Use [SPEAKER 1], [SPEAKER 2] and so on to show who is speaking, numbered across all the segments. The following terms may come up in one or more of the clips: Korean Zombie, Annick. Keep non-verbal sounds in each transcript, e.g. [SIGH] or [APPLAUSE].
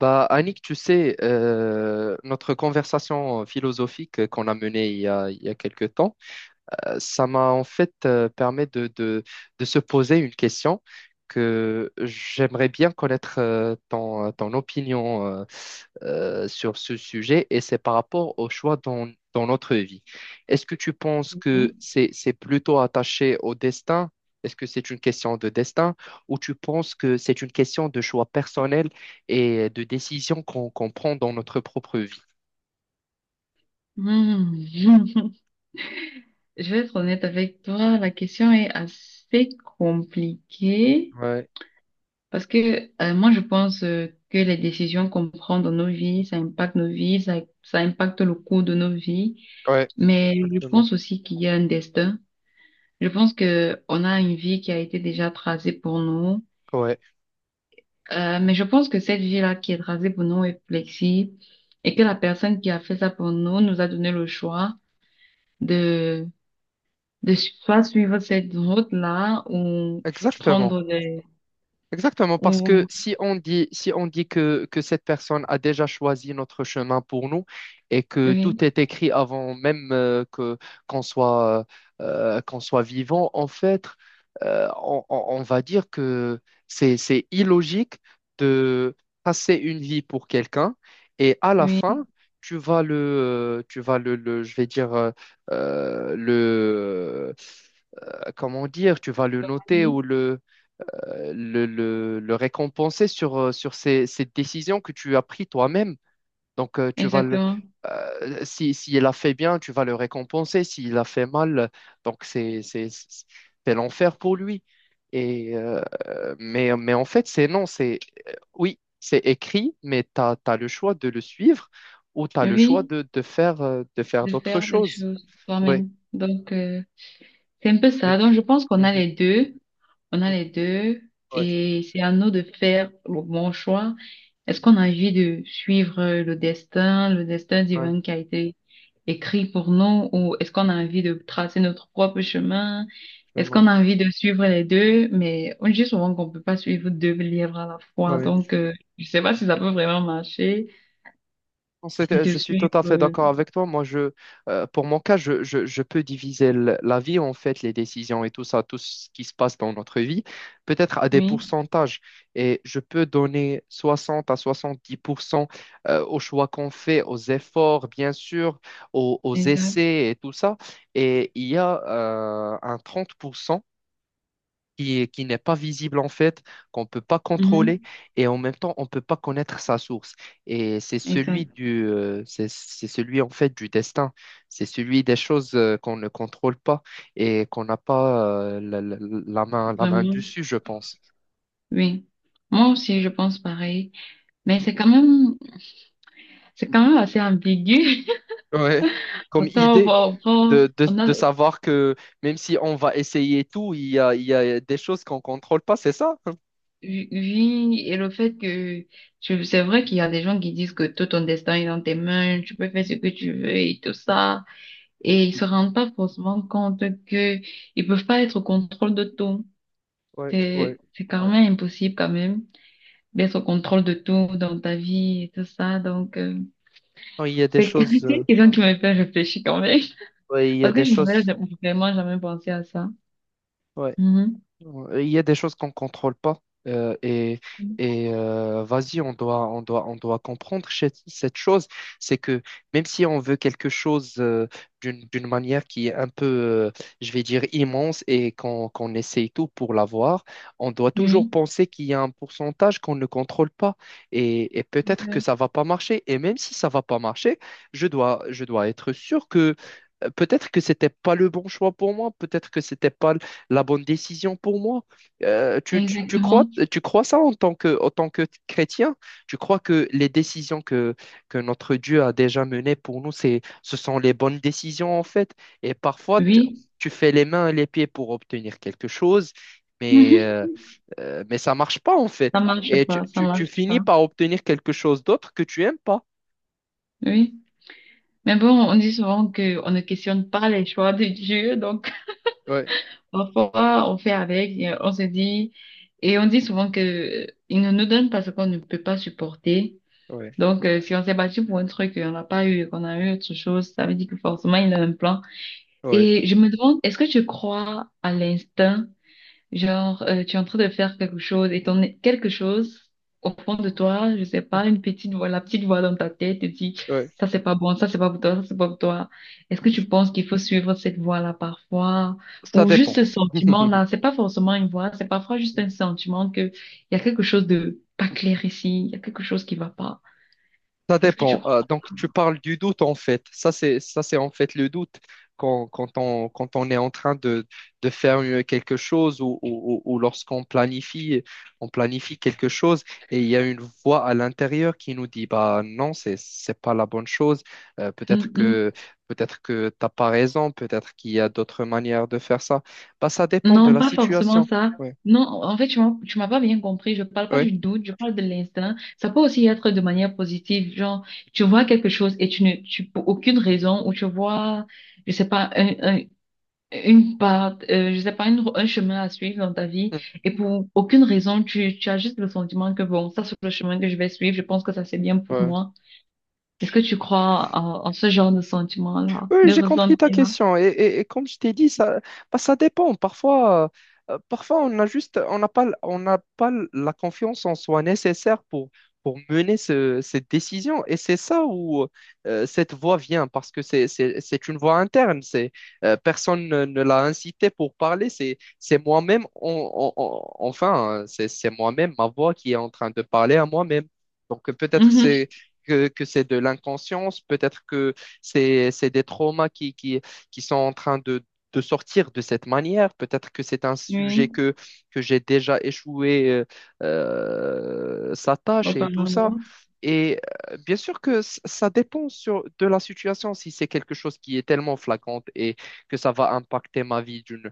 [SPEAKER 1] Bah, Annick, tu sais, notre conversation philosophique qu'on a menée il y a quelques temps, ça m'a en fait permis de se poser une question que j'aimerais bien connaître ton opinion sur ce sujet et c'est par rapport au choix dans notre vie. Est-ce que tu penses que
[SPEAKER 2] Mhm.
[SPEAKER 1] c'est plutôt attaché au destin? Est-ce que c'est une question de destin ou tu penses que c'est une question de choix personnel et de décision qu'on prend dans notre propre vie?
[SPEAKER 2] Mhm. [LAUGHS] Je vais être honnête avec toi, la question est assez compliquée
[SPEAKER 1] Ouais,
[SPEAKER 2] parce que moi je pense que les décisions qu'on prend dans nos vies, ça impacte nos vies, ça impacte le cours de nos vies,
[SPEAKER 1] ouais,
[SPEAKER 2] mais je
[SPEAKER 1] exactement.
[SPEAKER 2] pense aussi qu'il y a un destin. Je pense que on a une vie qui a été déjà tracée pour nous,
[SPEAKER 1] Ouais,
[SPEAKER 2] mais je pense que cette vie-là qui est tracée pour nous est flexible et que la personne qui a fait ça pour nous nous a donné le choix de soit suivre cette route-là ou
[SPEAKER 1] exactement.
[SPEAKER 2] prendre des...
[SPEAKER 1] Exactement, parce que
[SPEAKER 2] ou-
[SPEAKER 1] si on dit que cette personne a déjà choisi notre chemin pour nous et que tout
[SPEAKER 2] Oui,
[SPEAKER 1] est écrit avant même qu'on soit, qu'on soit vivant, en fait. On va dire que c'est illogique de passer une vie pour quelqu'un et à la
[SPEAKER 2] oui,
[SPEAKER 1] fin, tu vas le- je vais dire, euh, le, comment dire, tu vas le noter
[SPEAKER 2] oui,
[SPEAKER 1] ou le récompenser sur ces décisions que tu as prises toi-même. Donc,
[SPEAKER 2] exactement.
[SPEAKER 1] si il a fait bien, tu vas le récompenser. S'il a fait mal, donc c'est l'enfer pour lui. Et, mais en fait, c'est non, c'est oui, c'est écrit, mais tu as le choix de le suivre ou tu as le choix
[SPEAKER 2] Oui,
[SPEAKER 1] de, de faire
[SPEAKER 2] de
[SPEAKER 1] d'autres
[SPEAKER 2] faire des
[SPEAKER 1] choses.
[SPEAKER 2] choses
[SPEAKER 1] Ouais.
[SPEAKER 2] toi-même. Donc, c'est un peu
[SPEAKER 1] Mais-
[SPEAKER 2] ça. Donc, je pense qu'on a
[SPEAKER 1] Mhm.
[SPEAKER 2] les deux. On a les deux
[SPEAKER 1] Ouais,
[SPEAKER 2] et c'est à nous de faire le bon choix. Est-ce qu'on a envie de suivre le destin
[SPEAKER 1] ouais,
[SPEAKER 2] divin qui a été écrit pour nous ou est-ce qu'on a envie de tracer notre propre chemin? Est-ce qu'on
[SPEAKER 1] absolument.
[SPEAKER 2] a envie de suivre les deux? Mais on dit souvent qu'on peut pas suivre deux livres à la fois.
[SPEAKER 1] Ouais.
[SPEAKER 2] Donc, je sais pas si ça peut vraiment marcher
[SPEAKER 1] Non,
[SPEAKER 2] de
[SPEAKER 1] je suis tout
[SPEAKER 2] suivre.
[SPEAKER 1] à fait d'accord avec toi. Moi, pour mon cas, je peux diviser la vie, en fait, les décisions et tout ça, tout ce qui se passe dans notre vie, peut-être à des
[SPEAKER 2] Oui,
[SPEAKER 1] pourcentages. Et je peux donner 60 à 70% aux choix qu'on fait, aux efforts, bien sûr, aux
[SPEAKER 2] exact.
[SPEAKER 1] essais et tout ça. Et il y a un 30% qui n'est pas visible en fait, qu'on ne peut pas contrôler
[SPEAKER 2] Mhm.
[SPEAKER 1] et en même temps on ne peut pas connaître sa source. Et c'est
[SPEAKER 2] Ouais,
[SPEAKER 1] celui
[SPEAKER 2] exact.
[SPEAKER 1] du, c'est celui en fait du destin, c'est celui des choses qu'on ne contrôle pas et qu'on n'a pas la main, la main
[SPEAKER 2] Vraiment.
[SPEAKER 1] dessus, je pense.
[SPEAKER 2] Oui. Moi aussi, je pense pareil. Mais c'est quand même, c'est quand même assez ambigu.
[SPEAKER 1] Ouais.
[SPEAKER 2] [LAUGHS]
[SPEAKER 1] Comme
[SPEAKER 2] Parce qu'on
[SPEAKER 1] idée.
[SPEAKER 2] va- on, va-
[SPEAKER 1] De, de,
[SPEAKER 2] on
[SPEAKER 1] de
[SPEAKER 2] a
[SPEAKER 1] savoir que même si on va essayer tout, il y a des choses qu'on ne contrôle pas, c'est ça?
[SPEAKER 2] vu et le fait que tu- c'est vrai qu'il y a des gens qui disent que tout ton destin est dans tes mains, tu peux faire ce que tu veux et tout ça, et ils se rendent pas forcément compte que ils peuvent pas être au contrôle de tout.
[SPEAKER 1] Ouais, ouais,
[SPEAKER 2] C'est quand
[SPEAKER 1] ouais.
[SPEAKER 2] même impossible quand même d'être au contrôle de tout dans ta vie et tout ça, donc
[SPEAKER 1] Non, il y a des
[SPEAKER 2] c'est [LAUGHS] c'est
[SPEAKER 1] choses,
[SPEAKER 2] une question qui me fait réfléchir quand même,
[SPEAKER 1] ouais, il y a
[SPEAKER 2] parce que
[SPEAKER 1] des
[SPEAKER 2] je
[SPEAKER 1] choses.
[SPEAKER 2] n'avais vraiment jamais pensé à ça.
[SPEAKER 1] Ouais.
[SPEAKER 2] Mhm.
[SPEAKER 1] Il y a des choses qu'on contrôle pas, euh, et et vas-y, on doit comprendre cette chose. C'est que même si on veut quelque chose d'une manière qui est un peu je vais dire immense et qu'on essaye tout pour l'avoir, on doit toujours
[SPEAKER 2] Oui.
[SPEAKER 1] penser qu'il y a un pourcentage qu'on ne contrôle pas et peut-être que
[SPEAKER 2] Oui.
[SPEAKER 1] ça va pas marcher, et même si ça va pas marcher, je dois être sûr que peut-être que c'était pas le bon choix pour moi, peut-être que c'était pas la bonne décision pour moi. Euh, tu, tu- tu crois,
[SPEAKER 2] Exactement.
[SPEAKER 1] tu crois ça en tant que chrétien? Tu crois que les décisions que notre Dieu a déjà menées pour nous, ce sont les bonnes décisions en fait. Et parfois,
[SPEAKER 2] Oui.
[SPEAKER 1] tu fais les mains et les pieds pour obtenir quelque chose, mais, euh,
[SPEAKER 2] [LAUGHS]
[SPEAKER 1] mais ça marche pas en
[SPEAKER 2] Ça
[SPEAKER 1] fait.
[SPEAKER 2] marche
[SPEAKER 1] Et tu,
[SPEAKER 2] pas, ça
[SPEAKER 1] tu- tu
[SPEAKER 2] marche
[SPEAKER 1] finis
[SPEAKER 2] pas.
[SPEAKER 1] par obtenir quelque chose d'autre que tu aimes pas.
[SPEAKER 2] Oui. Mais bon, on dit souvent que on ne questionne pas les choix de Dieu, donc
[SPEAKER 1] Ouais,
[SPEAKER 2] [LAUGHS] parfois on fait avec, et on se dit, et on dit souvent que il ne nous donne pas ce qu'on ne peut pas supporter.
[SPEAKER 1] ouais,
[SPEAKER 2] Donc, si on s'est battu pour un truc et on n'a pas eu, et qu'on a eu autre chose, ça veut dire que forcément il a un plan.
[SPEAKER 1] ouais,
[SPEAKER 2] Et je me demande, est-ce que tu crois à l'instinct? Genre, tu es en train de faire quelque chose et ton quelque chose au fond de toi, je sais pas, une petite voix, la petite voix dans ta tête te dit,
[SPEAKER 1] ouais.
[SPEAKER 2] ça c'est pas bon, ça c'est pas pour toi, ça c'est pas pour toi. Est-ce que tu penses qu'il faut suivre cette voix-là parfois?
[SPEAKER 1] Ça
[SPEAKER 2] Ou juste
[SPEAKER 1] dépend.
[SPEAKER 2] ce
[SPEAKER 1] [LAUGHS]
[SPEAKER 2] sentiment-là, c'est pas forcément une voix, c'est parfois juste un sentiment que il y a quelque chose de pas clair ici, il y a quelque chose qui va pas.
[SPEAKER 1] Ça
[SPEAKER 2] Est-ce que tu
[SPEAKER 1] dépend.
[SPEAKER 2] crois?
[SPEAKER 1] Donc, tu parles du doute, en fait. Ça, c'est en fait le doute quand on est en train de, de faire quelque chose ou, lorsqu'on planifie, on planifie quelque chose et il y a une voix à l'intérieur qui nous dit, bah non, c'est pas la bonne chose. Peut-être
[SPEAKER 2] Mm, mm.
[SPEAKER 1] que, peut-être que t'as pas raison. Peut-être qu'il y a d'autres manières de faire ça. Bah, ça dépend de
[SPEAKER 2] Non,
[SPEAKER 1] la
[SPEAKER 2] pas forcément
[SPEAKER 1] situation.
[SPEAKER 2] ça.
[SPEAKER 1] Oui,
[SPEAKER 2] Non, en fait, tu m'as pas bien compris. Je parle pas du doute, je parle de l'instinct. Ça peut aussi être de manière positive, genre, tu vois quelque chose et tu ne, tu, pour aucune raison, ou tu vois, je sais pas, un- une part, je sais pas, une- un chemin à suivre dans ta vie, et pour aucune raison, tu as juste le sentiment que bon, ça, c'est le chemin que je vais suivre, je pense que ça, c'est bien pour
[SPEAKER 1] oui.
[SPEAKER 2] moi. Est-ce que tu crois en, en ce genre de sentiment-là,
[SPEAKER 1] Oui,
[SPEAKER 2] de
[SPEAKER 1] j'ai compris ta
[SPEAKER 2] ressentiment?
[SPEAKER 1] question. Et, et comme je t'ai dit, ça, bah, ça dépend. Parfois on a juste, on n'a pas la confiance en soi nécessaire pour mener cette décision. Et c'est ça où cette voix vient, parce que c'est une voix interne. Personne ne, ne l'a incité pour parler. C'est moi-même, enfin, hein, c'est moi-même, ma voix qui est en train de parler à moi-même. Donc peut-être
[SPEAKER 2] Mhm.
[SPEAKER 1] c'est que c'est de l'inconscience, peut-être que c'est des traumas qui sont en train de sortir de cette manière. Peut-être que c'est un sujet
[SPEAKER 2] Oui,
[SPEAKER 1] que j'ai déjà échoué sa tâche et tout ça.
[SPEAKER 2] apparemment.
[SPEAKER 1] Et bien sûr que ça dépend de la situation. Si c'est quelque chose qui est tellement flagrante et que ça va impacter ma vie d'une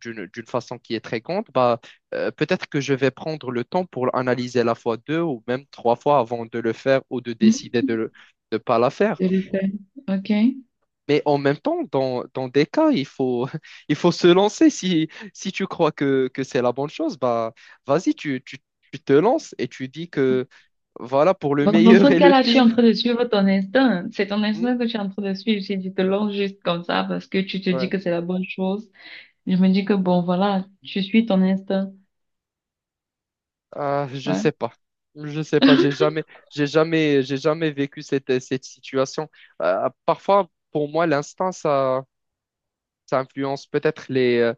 [SPEAKER 1] d'une d'une façon qui est très grande, bah, peut-être que je vais prendre le temps pour analyser la fois deux ou même trois fois avant de le faire ou de
[SPEAKER 2] [LAUGHS]
[SPEAKER 1] décider de ne pas la faire.
[SPEAKER 2] Tout à fait. OK.
[SPEAKER 1] Mais en même temps, dans des cas, il faut, [LAUGHS] il faut se lancer. Si tu crois que c'est la bonne chose, bah, vas-y, tu te lances et tu dis que voilà pour le
[SPEAKER 2] Bon, dans ce
[SPEAKER 1] meilleur et le
[SPEAKER 2] cas-là, je suis en
[SPEAKER 1] pire.
[SPEAKER 2] train de suivre ton instinct. C'est ton
[SPEAKER 1] Hmm,
[SPEAKER 2] instinct que je suis en train de suivre. Si tu te lances juste comme ça parce que tu te dis
[SPEAKER 1] ouais.
[SPEAKER 2] que c'est la bonne chose, je me dis que bon, voilà, tu suis ton instinct.
[SPEAKER 1] Ah, je
[SPEAKER 2] Ouais.
[SPEAKER 1] sais pas. Je sais pas. J'ai
[SPEAKER 2] [LAUGHS]
[SPEAKER 1] jamais, j'ai jamais, j'ai jamais vécu cette situation. Parfois, pour moi, l'instinct, ça influence peut-être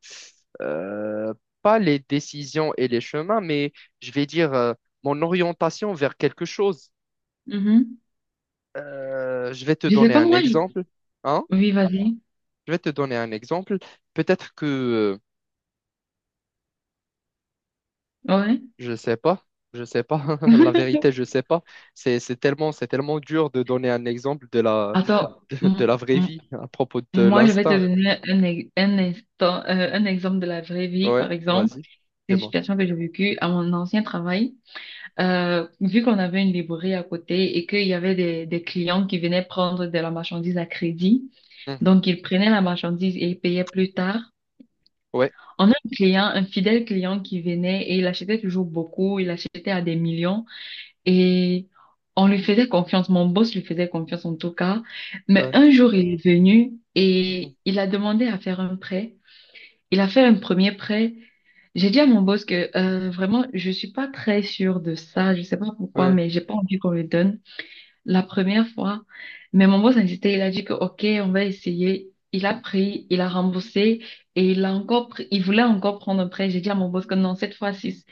[SPEAKER 1] euh, pas les décisions et les chemins, mais je vais dire, mon orientation vers quelque chose.
[SPEAKER 2] Mhm.
[SPEAKER 1] Je vais te
[SPEAKER 2] Je sais
[SPEAKER 1] donner
[SPEAKER 2] pas,
[SPEAKER 1] un
[SPEAKER 2] moi, je...
[SPEAKER 1] exemple. Hein?
[SPEAKER 2] Oui, vas-y.
[SPEAKER 1] Je vais te donner un exemple. Peut-être que
[SPEAKER 2] Ouais.
[SPEAKER 1] je sais pas, je sais pas. [LAUGHS] La
[SPEAKER 2] [LAUGHS]
[SPEAKER 1] vérité, je sais pas. C'est tellement dur de donner un exemple de la [LAUGHS]
[SPEAKER 2] Attends,
[SPEAKER 1] de
[SPEAKER 2] m-
[SPEAKER 1] la vraie
[SPEAKER 2] m-
[SPEAKER 1] vie à propos de
[SPEAKER 2] moi, je vais te
[SPEAKER 1] l'instinct.
[SPEAKER 2] donner un, ex- un instant, un exemple de la vraie vie,
[SPEAKER 1] Ouais,
[SPEAKER 2] par exemple.
[SPEAKER 1] vas-y,
[SPEAKER 2] C'est une
[SPEAKER 1] dis-moi.
[SPEAKER 2] situation que j'ai vécue à mon ancien travail. Vu qu'on avait une librairie à côté et qu'il y avait des clients qui venaient prendre de la marchandise à crédit,
[SPEAKER 1] Hmm.
[SPEAKER 2] donc ils prenaient la marchandise et ils payaient plus tard.
[SPEAKER 1] Ouais,
[SPEAKER 2] On a un client, un fidèle client qui venait et il achetait toujours beaucoup, il achetait à des millions et on lui faisait confiance, mon boss lui faisait confiance en tout cas. Mais
[SPEAKER 1] ouais,
[SPEAKER 2] un jour, il est venu
[SPEAKER 1] mhm.
[SPEAKER 2] et il a demandé à faire un prêt. Il a fait un premier prêt. J'ai dit à mon boss que vraiment, je suis pas très sûre de ça. Je sais pas pourquoi,
[SPEAKER 1] Ouais,
[SPEAKER 2] mais j'ai pas envie qu'on le donne la première fois. Mais mon boss a insisté. Il a dit que OK, on va essayer. Il a pris, il a remboursé et il a encore pris- il voulait encore prendre un prêt. J'ai dit à mon boss que non, cette fois-ci,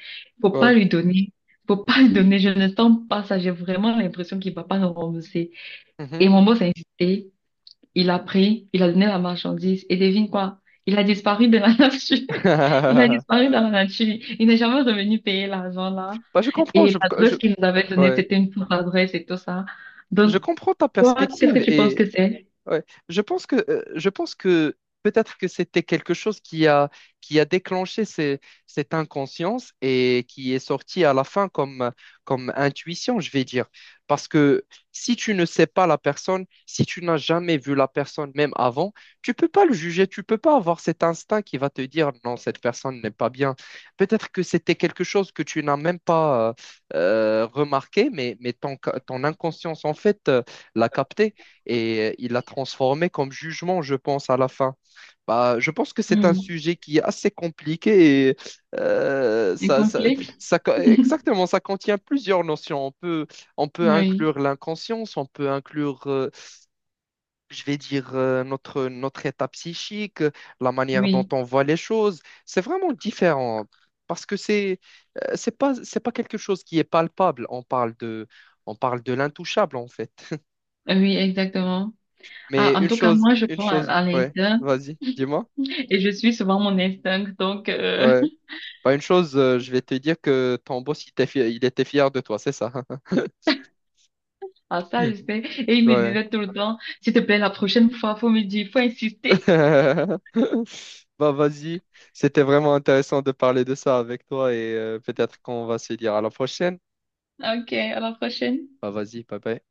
[SPEAKER 2] faut pas
[SPEAKER 1] ouais.
[SPEAKER 2] lui donner. Faut pas lui donner. Je ne sens pas ça. J'ai vraiment l'impression qu'il va pas nous rembourser. Et
[SPEAKER 1] Mhm.
[SPEAKER 2] mon boss a insisté. Il a pris, il a donné la marchandise et devine quoi? Il a disparu de la [LAUGHS] nature. Il a
[SPEAKER 1] [LAUGHS]
[SPEAKER 2] disparu dans la nature. Il n'est jamais revenu payer l'argent là.
[SPEAKER 1] Bah, je comprends.
[SPEAKER 2] Et
[SPEAKER 1] Je
[SPEAKER 2] l'adresse qu'il nous avait donnée,
[SPEAKER 1] ouais.
[SPEAKER 2] c'était une fausse adresse et tout ça.
[SPEAKER 1] Je
[SPEAKER 2] Donc,
[SPEAKER 1] comprends ta
[SPEAKER 2] toi, qu'est-ce que
[SPEAKER 1] perspective
[SPEAKER 2] tu penses
[SPEAKER 1] et
[SPEAKER 2] que c'est?
[SPEAKER 1] ouais. Je pense que peut-être que c'était quelque chose qui a déclenché cette inconscience et qui est sorti à la fin comme intuition, je vais dire. Parce que si tu ne sais pas la personne, si tu n'as jamais vu la personne même avant, tu peux pas le juger, tu peux pas avoir cet instinct qui va te dire non, cette personne n'est pas bien. Peut-être que c'était quelque chose que tu n'as même pas remarqué, mais ton inconscience en fait l'a capté et il l'a transformé comme jugement, je pense, à la fin. Bah, je pense que c'est un
[SPEAKER 2] Hmm.
[SPEAKER 1] sujet qui est assez compliqué, et euh,
[SPEAKER 2] Un
[SPEAKER 1] ça, ça,
[SPEAKER 2] complexe?
[SPEAKER 1] exactement, ça contient plusieurs notions. On peut
[SPEAKER 2] Oui,
[SPEAKER 1] inclure l'inconscience, on peut inclure, je vais dire, notre état psychique, la manière dont
[SPEAKER 2] oui,
[SPEAKER 1] on voit les choses. C'est vraiment différent parce que c'est pas quelque chose qui est palpable. On parle de l'intouchable en fait.
[SPEAKER 2] oui, exactement. Ah,
[SPEAKER 1] Mais
[SPEAKER 2] en
[SPEAKER 1] une
[SPEAKER 2] tout cas,
[SPEAKER 1] chose,
[SPEAKER 2] moi, je
[SPEAKER 1] une
[SPEAKER 2] crois
[SPEAKER 1] chose,
[SPEAKER 2] à
[SPEAKER 1] ouais,
[SPEAKER 2] l'instinct
[SPEAKER 1] vas-y, dis-moi.
[SPEAKER 2] et je suis souvent mon instinct. Donc,
[SPEAKER 1] Ouais. Bah, une chose, je vais te dire que ton boss, il était fier de toi, c'est ça. [LAUGHS]
[SPEAKER 2] [LAUGHS] à ça, je sais. Et il me
[SPEAKER 1] Ouais.
[SPEAKER 2] disait tout le temps, s'il te plaît, la prochaine fois, faut me dire, faut insister. [LAUGHS]
[SPEAKER 1] [LAUGHS] Bah, vas-y. C'était vraiment intéressant de parler de ça avec toi et peut-être qu'on va se dire à la prochaine.
[SPEAKER 2] Ok, à la prochaine.
[SPEAKER 1] Bah, vas-y, bye bye.